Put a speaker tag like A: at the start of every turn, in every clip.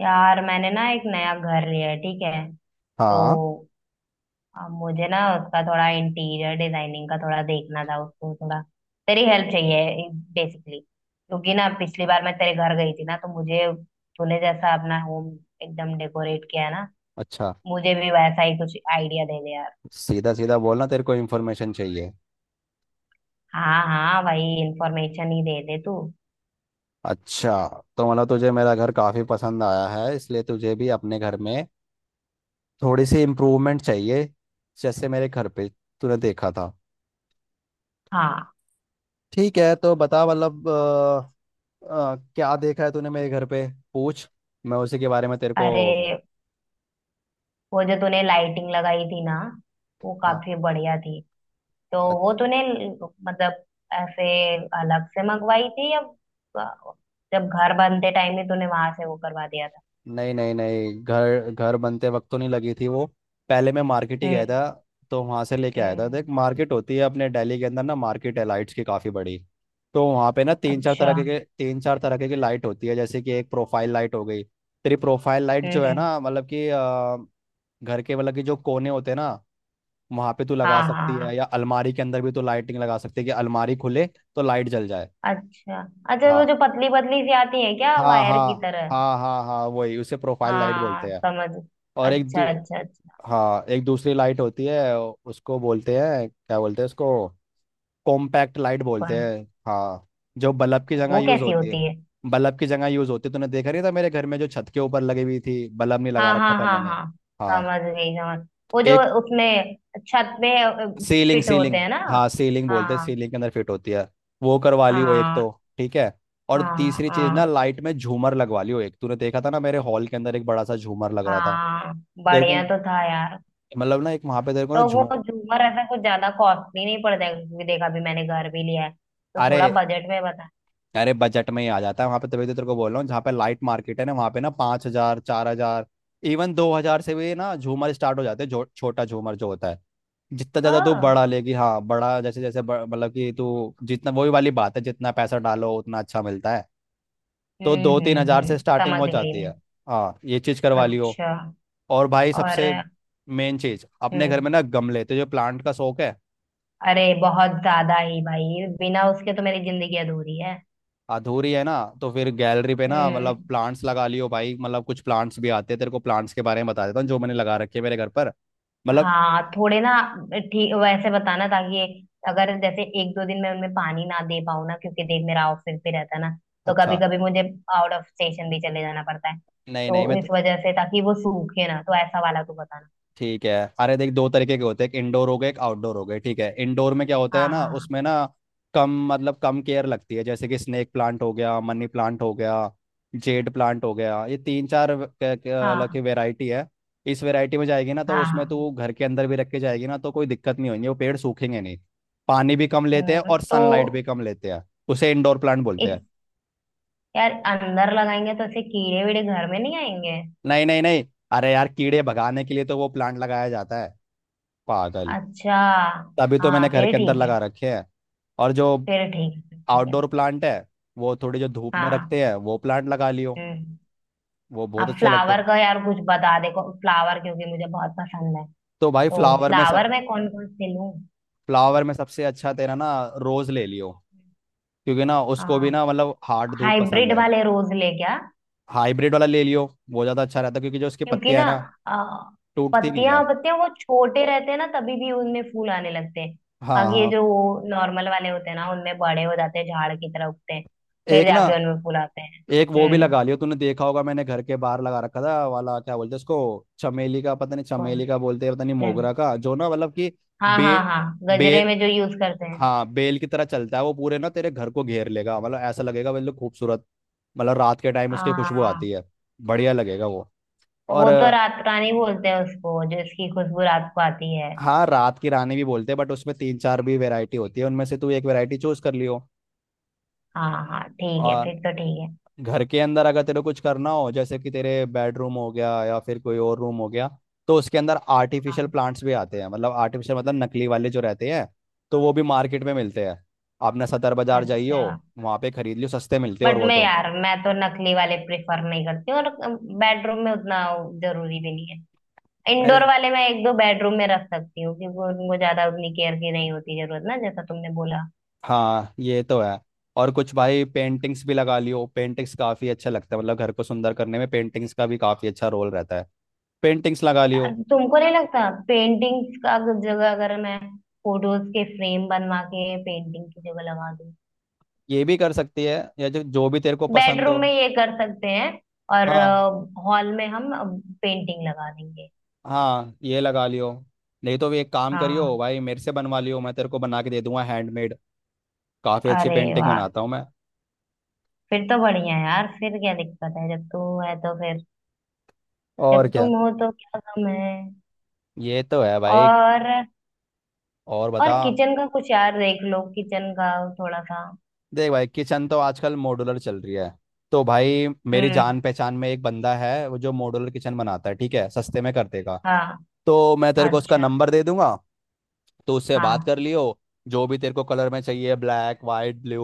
A: यार मैंने ना एक नया घर लिया है, ठीक है? तो
B: हाँ।
A: अब मुझे ना उसका थोड़ा इंटीरियर डिजाइनिंग का थोड़ा देखना था, उसको थोड़ा तेरी हेल्प चाहिए बेसिकली, क्योंकि ना पिछली बार मैं तेरे घर गई थी ना, तो मुझे तूने जैसा अपना होम एकदम डेकोरेट किया है ना,
B: अच्छा।
A: मुझे भी वैसा ही कुछ आइडिया दे दे यार।
B: सीधा सीधा बोलना, तेरे को इन्फॉर्मेशन चाहिए।
A: हाँ हाँ भाई, इंफॉर्मेशन ही दे दे तू।
B: अच्छा। तो मतलब तुझे मेरा घर काफ़ी पसंद आया है, इसलिए तुझे भी अपने घर में थोड़ी सी इम्प्रूवमेंट चाहिए जैसे मेरे घर पे तूने देखा था।
A: हाँ।
B: ठीक है, तो बता मतलब क्या देखा है तूने मेरे घर पे। पूछ, मैं उसी के बारे में तेरे को।
A: अरे वो जो तूने लाइटिंग लगाई थी ना, वो
B: हाँ।
A: काफी बढ़िया थी। तो वो तूने मतलब ऐसे अलग से मंगवाई थी, या जब घर बनते टाइम ही तूने वहां से वो करवा दिया था?
B: नहीं नहीं नहीं, घर घर बनते वक्त तो नहीं लगी थी वो। पहले मैं मार्केट ही गया
A: हम्म।
B: था, तो वहां से लेके आया था। देख,
A: हम्म।
B: मार्केट होती है अपने दिल्ली के अंदर ना, मार्केट है लाइट्स की काफी बड़ी। तो वहां पे ना तीन चार
A: अच्छा।
B: तरह
A: हम्म।
B: के तीन चार तरह के लाइट होती है, जैसे कि एक प्रोफाइल लाइट हो गई। तेरी प्रोफाइल लाइट जो है
A: हम्म।
B: ना, मतलब कि घर के मतलब कि जो कोने होते हैं ना, वहां पे तू
A: हाँ
B: लगा सकती
A: हाँ
B: है,
A: हाँ।
B: या अलमारी के अंदर भी तू लाइटिंग लगा सकती है कि अलमारी खुले तो लाइट जल जाए।
A: अच्छा। अच्छा, वो
B: हाँ
A: जो पतली पतली सी आती है क्या,
B: हाँ
A: वायर
B: हाँ
A: की तरह?
B: हाँ हाँ हाँ, वही उसे प्रोफाइल लाइट बोलते
A: हाँ,
B: हैं।
A: समझ।
B: और
A: अच्छा अच्छा अच्छा।
B: हाँ, एक दूसरी लाइट होती है, उसको बोलते हैं क्या बोलते हैं उसको, कॉम्पैक्ट लाइट बोलते
A: कौन?
B: हैं। हाँ, जो बल्ब की जगह
A: वो
B: यूज
A: कैसी
B: होती है।
A: होती है?
B: बल्ब की जगह यूज होती है, तूने देखा नहीं था मेरे घर में, जो छत के ऊपर लगी हुई थी, बल्ब नहीं लगा
A: हाँ
B: रखा
A: हाँ
B: था
A: हाँ
B: मैंने।
A: हाँ,
B: हाँ,
A: समझ गई, समझ। वो जो
B: एक
A: उसमें छत में
B: सीलिंग
A: फिट होते
B: सीलिंग
A: हैं ना?
B: हाँ, सीलिंग
A: हाँ
B: बोलते हैं,
A: हाँ
B: सीलिंग के अंदर फिट होती है। वो करवा ली हो एक
A: हाँ
B: तो, ठीक है। और
A: हाँ।
B: तीसरी चीज
A: हाँ।
B: ना, लाइट में झूमर लगवा ली हो एक, तूने देखा था ना मेरे हॉल के अंदर एक बड़ा सा झूमर लग रहा था।
A: हाँ,
B: तेरे को
A: बढ़िया तो था यार।
B: मतलब ना एक वहां पे तेरे को
A: तो
B: ना
A: वो
B: झूम,
A: झूमर ऐसा कुछ ज्यादा कॉस्टली नहीं पड़ जाएगा? क्योंकि देखा, अभी मैंने घर भी लिया है, तो
B: अरे
A: थोड़ा बजट में बता।
B: अरे, बजट में ही आ जाता है वहां पे, तभी तो तेरे को बोल रहा हूँ, जहाँ पे लाइट मार्केट है ना, वहां पे ना 5,000, 4,000, इवन 2,000 से भी ना झूमर स्टार्ट हो जाते हैं, जो छोटा झूमर जो होता है। जितना ज्यादा तू
A: हाँ।
B: बड़ा लेगी, हाँ, बड़ा जैसे जैसे मतलब कि तू जितना, वही वाली बात है, जितना पैसा डालो उतना अच्छा मिलता है। तो दो तीन हजार
A: हम्म,
B: से स्टार्टिंग
A: समझ
B: हो
A: गई
B: जाती
A: मैं।
B: है। हाँ, ये चीज करवा लियो।
A: अच्छा।
B: और भाई,
A: और
B: सबसे मेन चीज अपने घर
A: हम्म,
B: में ना, गमले, तो जो प्लांट का शौक है।
A: अरे बहुत ज्यादा ही भाई, बिना उसके तो मेरी जिंदगी अधूरी है।
B: अधूरी है ना, तो फिर गैलरी पे ना, मतलब
A: हम्म।
B: प्लांट्स लगा लियो भाई। मतलब कुछ प्लांट्स भी आते हैं, तेरे को प्लांट्स के बारे में बता देता हूँ जो मैंने लगा रखे हैं मेरे घर पर। मतलब।
A: हाँ थोड़े ना, ठीक वैसे बताना, ताकि अगर जैसे एक दो दिन में उनमें पानी ना दे पाऊँ ना, क्योंकि देख मेरा ऑफिस भी रहता है ना, तो कभी
B: अच्छा।
A: कभी मुझे आउट ऑफ स्टेशन भी चले जाना पड़ता है,
B: नहीं नहीं,
A: तो
B: मैं तो।
A: इस वजह से, ताकि वो सूखे ना, तो ऐसा वाला तू बताना।
B: ठीक है। अरे देख, दो तरीके के होते हैं, एक इंडोर हो गए, एक आउटडोर हो गए। ठीक है, इंडोर में क्या होता है
A: हाँ
B: ना,
A: हाँ।
B: उसमें ना कम, मतलब कम केयर लगती है, जैसे कि स्नेक प्लांट हो गया, मनी प्लांट हो गया, जेड प्लांट हो गया, ये तीन चार अलग की
A: हाँ
B: वेराइटी है। इस वेराइटी में जाएगी ना तो
A: हाँ।
B: उसमें
A: हाँ।
B: तू घर के अंदर भी रख के जाएगी ना, तो कोई दिक्कत नहीं होगी, वो पेड़ सूखेंगे नहीं। पानी भी कम लेते हैं और सनलाइट भी
A: तो
B: कम लेते हैं, उसे इंडोर प्लांट बोलते
A: इस,
B: हैं।
A: यार अंदर लगाएंगे तो ऐसे कीड़े वीड़े घर में नहीं आएंगे?
B: नहीं नहीं नहीं, अरे यार, कीड़े भगाने के लिए तो वो प्लांट लगाया जाता है पागल,
A: अच्छा।
B: तभी तो
A: हाँ
B: मैंने घर
A: फिर
B: के अंदर
A: ठीक है,
B: लगा रखे हैं। और जो
A: फिर ठीक है फिर ठीक है।
B: आउटडोर प्लांट है, वो थोड़ी जो धूप में
A: हाँ।
B: रखते हैं वो प्लांट लगा लियो,
A: हम्म।
B: वो बहुत
A: आप
B: अच्छे लगते
A: फ्लावर
B: हैं।
A: का यार कुछ बता, देखो फ्लावर क्योंकि मुझे बहुत पसंद है।
B: तो भाई
A: तो
B: फ्लावर में सब,
A: फ्लावर में कौन कौन से लूं?
B: फ्लावर में सबसे अच्छा तेरा ना, रोज ले लियो, क्योंकि ना उसको भी ना, मतलब हार्ड धूप पसंद
A: हाइब्रिड
B: है।
A: वाले रोज ले क्या?
B: हाइब्रिड वाला ले लियो, वो ज़्यादा अच्छा रहता है क्योंकि जो उसकी
A: क्योंकि
B: पत्तियां
A: ना,
B: है ना,
A: आ,
B: टूटती नहीं है।
A: पत्तियां पत्तियां वो छोटे रहते हैं ना तभी भी उनमें फूल आने लगते हैं।
B: हाँ
A: बाकी ये
B: हाँ।
A: जो नॉर्मल वाले होते हैं ना, उनमें बड़े हो जाते हैं, झाड़ की तरह उगते हैं, फिर
B: एक ना,
A: जाके उनमें फूल आते हैं।
B: एक वो भी
A: हम्म।
B: लगा लियो, तूने देखा होगा मैंने घर के बाहर लगा रखा था वाला, क्या बोलते हैं उसको, चमेली का, पता नहीं
A: कौन?
B: चमेली का बोलते हैं पता नहीं
A: हम्म,
B: मोगरा का, जो ना, मतलब कि
A: हाँ
B: बे
A: हाँ हाँ,
B: बे
A: गजरे में जो यूज करते हैं।
B: हाँ, बेल की तरह चलता है वो, पूरे ना तेरे घर को घेर लेगा, मतलब ऐसा लगेगा बिल्कुल खूबसूरत। मतलब रात के टाइम उसकी खुशबू
A: आ,
B: आती है, बढ़िया लगेगा वो। और
A: वो तो रात रानी बोलते हैं उसको, जो इसकी खुशबू रात को आती है।
B: हाँ, रात की रानी भी बोलते हैं, बट उसमें तीन चार भी वैरायटी होती है, उनमें से तू एक वैरायटी चूज कर लियो।
A: हाँ हाँ ठीक है,
B: और
A: फिर तो ठीक है।
B: घर के अंदर अगर तेरे को कुछ करना हो, जैसे कि तेरे बेडरूम हो गया या फिर कोई और रूम हो गया, तो उसके अंदर
A: हाँ।
B: आर्टिफिशियल प्लांट्स भी आते हैं, मतलब आर्टिफिशियल मतलब नकली वाले जो रहते हैं, तो वो भी मार्केट में मिलते हैं। आपने सदर बाजार जाइयो,
A: अच्छा।
B: वहाँ पे खरीद लियो, सस्ते मिलते हैं
A: बट
B: और वो
A: मैं
B: तो
A: यार मैं तो नकली वाले प्रेफर नहीं करती हूँ, और बेडरूम में उतना जरूरी भी नहीं है।
B: मेरे।
A: इंडोर वाले मैं एक दो बेडरूम में रख सकती हूँ, क्योंकि उनको ज्यादा उतनी केयर की नहीं होती जरूरत ना, जैसा तुमने बोला।
B: हाँ, ये तो है। और कुछ भाई, पेंटिंग्स भी लगा लियो, पेंटिंग्स काफी अच्छा लगता है, मतलब घर को सुंदर करने में पेंटिंग्स का भी काफी अच्छा रोल रहता है, पेंटिंग्स लगा
A: यार,
B: लियो।
A: तुमको नहीं लगता पेंटिंग्स का जगह, अगर मैं फोटोज के फ्रेम बनवा के पेंटिंग की जगह लगा दूँ?
B: ये भी कर सकती है, या जो जो भी तेरे को पसंद
A: बेडरूम
B: हो।
A: में ये कर सकते हैं, और
B: हाँ
A: हॉल में हम पेंटिंग लगा देंगे।
B: हाँ, ये लगा लियो। नहीं तो भी एक काम करियो
A: हाँ।
B: भाई, मेरे से बनवा लियो, मैं तेरे को बना के दे दूंगा हैंडमेड, काफी अच्छी
A: अरे
B: पेंटिंग
A: वाह,
B: बनाता हूँ मैं।
A: फिर तो बढ़िया है यार, फिर क्या दिक्कत है जब तू है तो? फिर
B: और
A: जब
B: क्या,
A: तुम हो तो क्या गम है?
B: ये तो है भाई।
A: और
B: और
A: और
B: बता।
A: किचन का कुछ यार देख लो, किचन का थोड़ा सा।
B: देख भाई, किचन तो आजकल मॉड्यूलर चल रही है। तो भाई, मेरी
A: हम्म।
B: जान पहचान में एक बंदा है, वो जो मॉड्यूलर किचन बनाता है, ठीक है, सस्ते में कर देगा,
A: हाँ।
B: तो मैं तेरे को उसका
A: अच्छा।
B: नंबर दे दूंगा, तो उससे बात कर
A: हाँ
B: लियो। जो भी तेरे को कलर में चाहिए, ब्लैक, वाइट, ब्लू,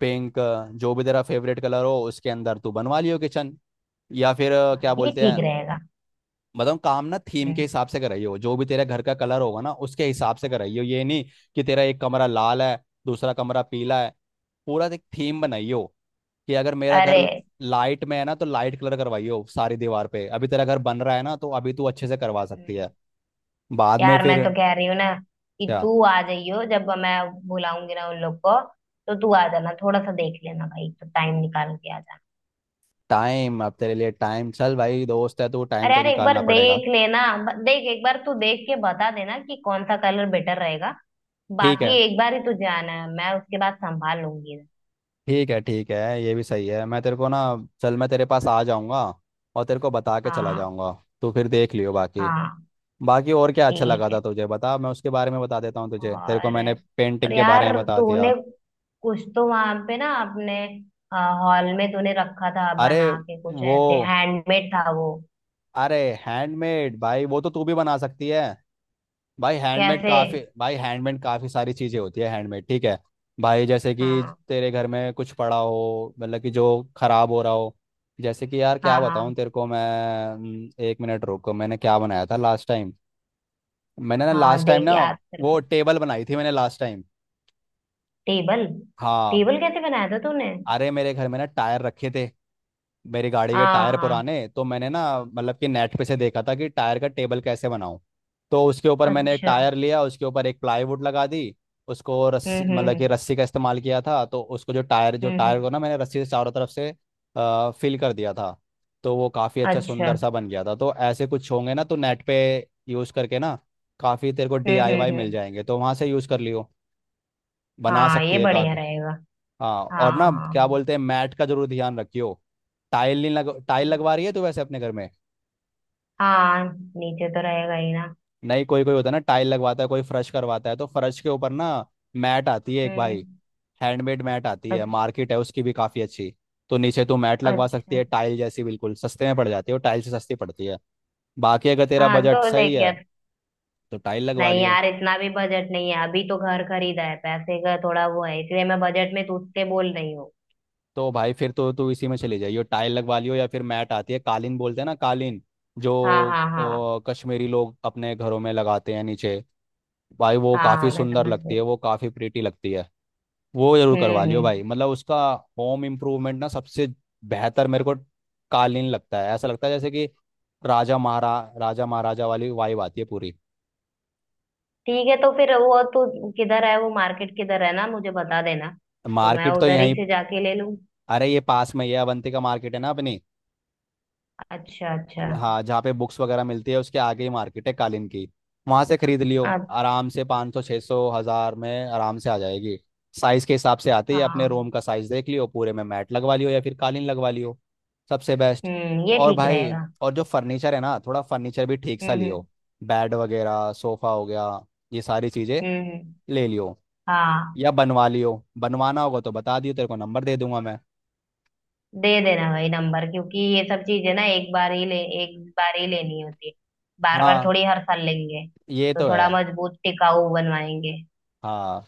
B: पिंक, जो भी तेरा फेवरेट कलर हो उसके अंदर तू बनवा लियो किचन। या फिर
A: हाँ
B: क्या
A: ये
B: बोलते हैं,
A: ठीक रहेगा।
B: मतलब काम ना थीम के
A: हम्म।
B: हिसाब से कराइयो, जो भी तेरे घर का कलर होगा ना उसके हिसाब से कराइयो। ये नहीं कि तेरा एक कमरा लाल है, दूसरा कमरा पीला है, पूरा एक थीम बनाइयो। कि अगर मेरा घर
A: अरे।
B: लाइट में है ना, तो लाइट कलर करवाइयो सारी दीवार पे। अभी तेरा घर बन रहा है ना, तो अभी तू अच्छे से करवा सकती है,
A: हम्म,
B: बाद में
A: यार मैं
B: फिर
A: तो कह रही हूँ ना कि
B: क्या।
A: तू आ जाइयो जब मैं बुलाऊंगी ना उन लोग को, तो तू आ जाना थोड़ा सा देख लेना भाई, तो टाइम निकाल के आ।
B: टाइम, अब तेरे लिए टाइम चल भाई, दोस्त है तू, टाइम
A: अरे
B: तो
A: यार एक बार
B: निकालना पड़ेगा।
A: देख लेना। देख, एक बार तू देख के बता देना कि कौन सा कलर बेटर रहेगा।
B: ठीक
A: बाकी
B: है
A: एक बार ही तू जाना है, मैं उसके बाद संभाल लूंगी।
B: ठीक है ठीक है, ये भी सही है। मैं तेरे को ना, चल मैं तेरे पास आ जाऊंगा और तेरे को बता के चला
A: हाँ
B: जाऊंगा, तू फिर देख लियो बाकी।
A: हाँ
B: बाकी और क्या अच्छा लगा
A: ठीक
B: था
A: है।
B: तुझे बता, मैं उसके बारे में बता देता हूँ तुझे। तेरे को
A: और
B: मैंने
A: और
B: पेंटिंग के बारे
A: यार,
B: में बता दिया।
A: तूने कुछ तो वहां पे ना, अपने हॉल में तूने रखा था
B: अरे
A: बना के कुछ
B: वो,
A: ऐसे, हैंडमेड था वो।
B: अरे हैंडमेड भाई, वो तो तू भी बना सकती है, भाई हैंडमेड
A: कैसे?
B: काफी, भाई हैंडमेड काफी सारी चीजें होती है हैंडमेड, ठीक है। भाई जैसे कि
A: हाँ
B: तेरे घर में कुछ पड़ा हो, मतलब कि जो खराब हो रहा हो, जैसे कि यार क्या
A: हाँ
B: बताऊं
A: हाँ।
B: तेरे को मैं, एक मिनट रुको, मैंने क्या बनाया था लास्ट टाइम। मैंने ना
A: हाँ
B: लास्ट टाइम
A: देख,
B: ना,
A: याद
B: वो
A: करके।
B: टेबल बनाई थी मैंने लास्ट टाइम।
A: टेबल?
B: हाँ।
A: टेबल कैसे बनाया था तूने?
B: अरे मेरे घर में ना टायर रखे थे, मेरी गाड़ी के
A: हाँ
B: टायर
A: हाँ।
B: पुराने, तो मैंने ना मतलब कि नेट पे से देखा था कि टायर का टेबल कैसे बनाऊं। तो उसके ऊपर मैंने एक
A: अच्छा।
B: टायर लिया, उसके ऊपर एक प्लाईवुड लगा दी, उसको रस्सी,
A: हम्म हम्म
B: मतलब कि
A: हम्म।
B: रस्सी का इस्तेमाल किया था, तो उसको जो टायर
A: हम्म।
B: को ना मैंने रस्सी से चारों तरफ से फिल कर दिया था, तो वो काफ़ी अच्छा
A: अच्छा।
B: सुंदर सा बन गया था। तो ऐसे कुछ होंगे ना, तो नेट पे यूज़ करके ना, काफ़ी तेरे को
A: हम्म
B: डीआईवाई
A: हम्म
B: मिल
A: हम्म,
B: जाएंगे, तो वहाँ से यूज़ कर लियो, बना
A: हाँ
B: सकती
A: ये
B: है
A: बढ़िया
B: काफ़ी।
A: रहेगा।
B: हाँ,
A: हाँ
B: और ना क्या
A: हाँ।
B: बोलते हैं, मैट का जरूर ध्यान रखियो। टाइल नहीं लग, टाइल
A: हम्म,
B: लगवा रही है तो वैसे अपने घर में,
A: हाँ नीचे तो रहेगा ही ना।
B: नहीं कोई कोई होता है ना, टाइल लगवाता है, कोई फर्श करवाता है, तो फर्श के ऊपर ना मैट आती है एक भाई,
A: हम्म।
B: हैंडमेड मैट आती है,
A: अच्छा।
B: मार्केट है उसकी भी काफ़ी अच्छी। तो नीचे तू मैट लगवा सकती
A: अच्छा।
B: है, टाइल जैसी बिल्कुल सस्ते में पड़ जाती है, वो टाइल से सस्ती पड़ती है। बाकी अगर तेरा
A: हाँ
B: बजट
A: तो
B: सही
A: देख
B: है
A: यार,
B: तो टाइल लगवा
A: नहीं
B: लियो।
A: यार इतना भी बजट नहीं है, अभी तो घर खरीदा है, पैसे का थोड़ा वो है, इसलिए मैं बजट में तुझसे बोल रही हूँ।
B: तो भाई फिर तो तू इसी में चली जाइयो, टाइल लगवा लियो, या फिर मैट आती है, कालीन बोलते हैं ना कालीन, जो
A: हाँ हाँ हाँ।
B: कश्मीरी लोग अपने घरों में लगाते हैं नीचे, भाई वो
A: हाँ हाँ
B: काफी
A: मैं
B: सुंदर
A: समझ
B: लगती
A: गई।
B: है, वो काफी प्रीटी लगती है। वो जरूर करवा
A: हम्म
B: लियो
A: हम्म।
B: भाई, मतलब उसका होम इम्प्रूवमेंट ना सबसे बेहतर मेरे को कालीन लगता है, ऐसा लगता है जैसे कि राजा महाराजा वाली वाइब आती है पूरी।
A: ठीक है, तो फिर वो तू किधर है वो मार्केट किधर है ना मुझे बता देना, तो मैं
B: मार्केट तो
A: उधर ही
B: यहीं,
A: से जाके ले लूँ।
B: अरे ये पास में ही है, अवंती का मार्केट है ना अपनी,
A: अच्छा अच्छा।
B: हाँ, जहाँ पे बुक्स वगैरह मिलती है उसके आगे ही मार्केट है कालीन की, वहां से खरीद लियो।
A: अब
B: आराम से 500 सौ, छः सौ हजार में आराम से आ जाएगी, साइज के हिसाब से। आते ही अपने
A: हाँ,
B: रूम का साइज देख लियो, पूरे में मैट लगवा लियो या फिर कालीन लगवा लियो, सबसे बेस्ट।
A: ये
B: और
A: ठीक
B: भाई,
A: रहेगा।
B: और जो फर्नीचर है ना, थोड़ा फर्नीचर भी ठीक सा
A: हम्म
B: लियो,
A: हम्म
B: बेड वगैरह, सोफा हो गया, ये सारी चीजें
A: हम्म, हम्म।
B: ले लियो,
A: हाँ
B: या बनवा लियो। बनवाना होगा तो बता दियो, तेरे को नंबर दे दूंगा मैं।
A: दे देना भाई नंबर, क्योंकि ये सब चीजें ना एक बार ही लेनी होती है, बार बार
B: हाँ,
A: थोड़ी हर साल लेंगे।
B: ये
A: तो
B: तो है।
A: थोड़ा मजबूत टिकाऊ बनवाएंगे।
B: हाँ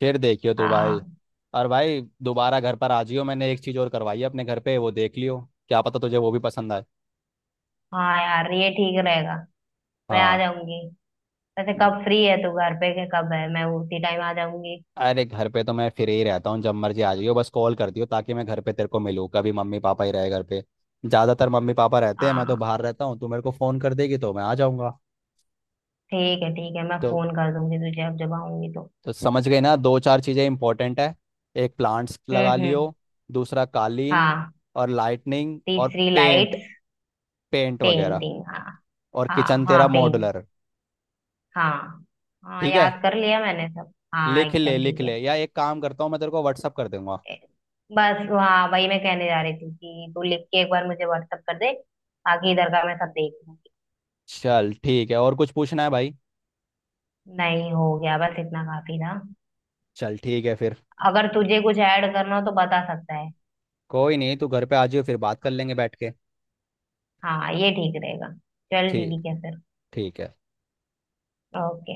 B: फिर देखियो तो भाई।
A: हाँ
B: और भाई, दोबारा घर पर आ जियो, मैंने एक चीज़ और करवाई है अपने घर पे, वो देख लियो, क्या पता तुझे वो भी पसंद आए।
A: हाँ यार ये ठीक रहेगा। मैं आ
B: हाँ।
A: जाऊंगी। वैसे कब फ्री है तू घर पे, के कब है, मैं उसी टाइम आ जाऊंगी।
B: अरे घर पे तो मैं फ्री ही रहता हूँ, जब मर्जी आ जाइयो, बस कॉल कर दियो ताकि मैं घर पे तेरे को मिलूँ, कभी मम्मी पापा ही रहे घर पे। ज़्यादातर मम्मी पापा रहते हैं, मैं तो
A: हाँ
B: बाहर रहता हूँ, तू मेरे को फ़ोन कर देगी तो मैं आ जाऊँगा।
A: ठीक है ठीक है, मैं
B: तो
A: फोन कर दूंगी तुझे अब जब आऊंगी तो।
B: तो समझ गए ना, दो चार चीज़ें इंपॉर्टेंट है। एक, प्लांट्स लगा लियो,
A: हम्म।
B: दूसरा कालीन,
A: हाँ
B: और लाइटनिंग, और
A: तीसरी
B: पेंट,
A: लाइट्स।
B: पेंट वगैरह,
A: पेंटिंग, हाँ।
B: और
A: हाँ
B: किचन
A: हाँ
B: तेरा
A: पेंटिंग।
B: मॉडुलर।
A: हाँ। हाँ
B: ठीक है,
A: याद कर लिया मैंने सब, हाँ
B: लिख ले
A: एकदम
B: लिख
A: ठीक है।
B: ले, या एक काम करता हूँ, मैं तेरे को व्हाट्सअप कर दूंगा।
A: ए, बस हाँ, वही मैं कहने जा रही थी कि तू लिख के एक बार मुझे व्हाट्सअप कर दे, बाकी इधर का मैं सब देख लूंगी।
B: चल ठीक है, और कुछ पूछना है भाई।
A: नहीं हो गया, बस इतना काफी था।
B: चल ठीक है फिर।
A: अगर तुझे कुछ ऐड करना हो तो बता सकता है।
B: कोई नहीं, तू घर पे आ जाओ फिर बात कर लेंगे बैठ के।
A: हाँ ये ठीक रहेगा। चल
B: ठीक।
A: ठीक है फिर।
B: ठीक है।
A: ओके।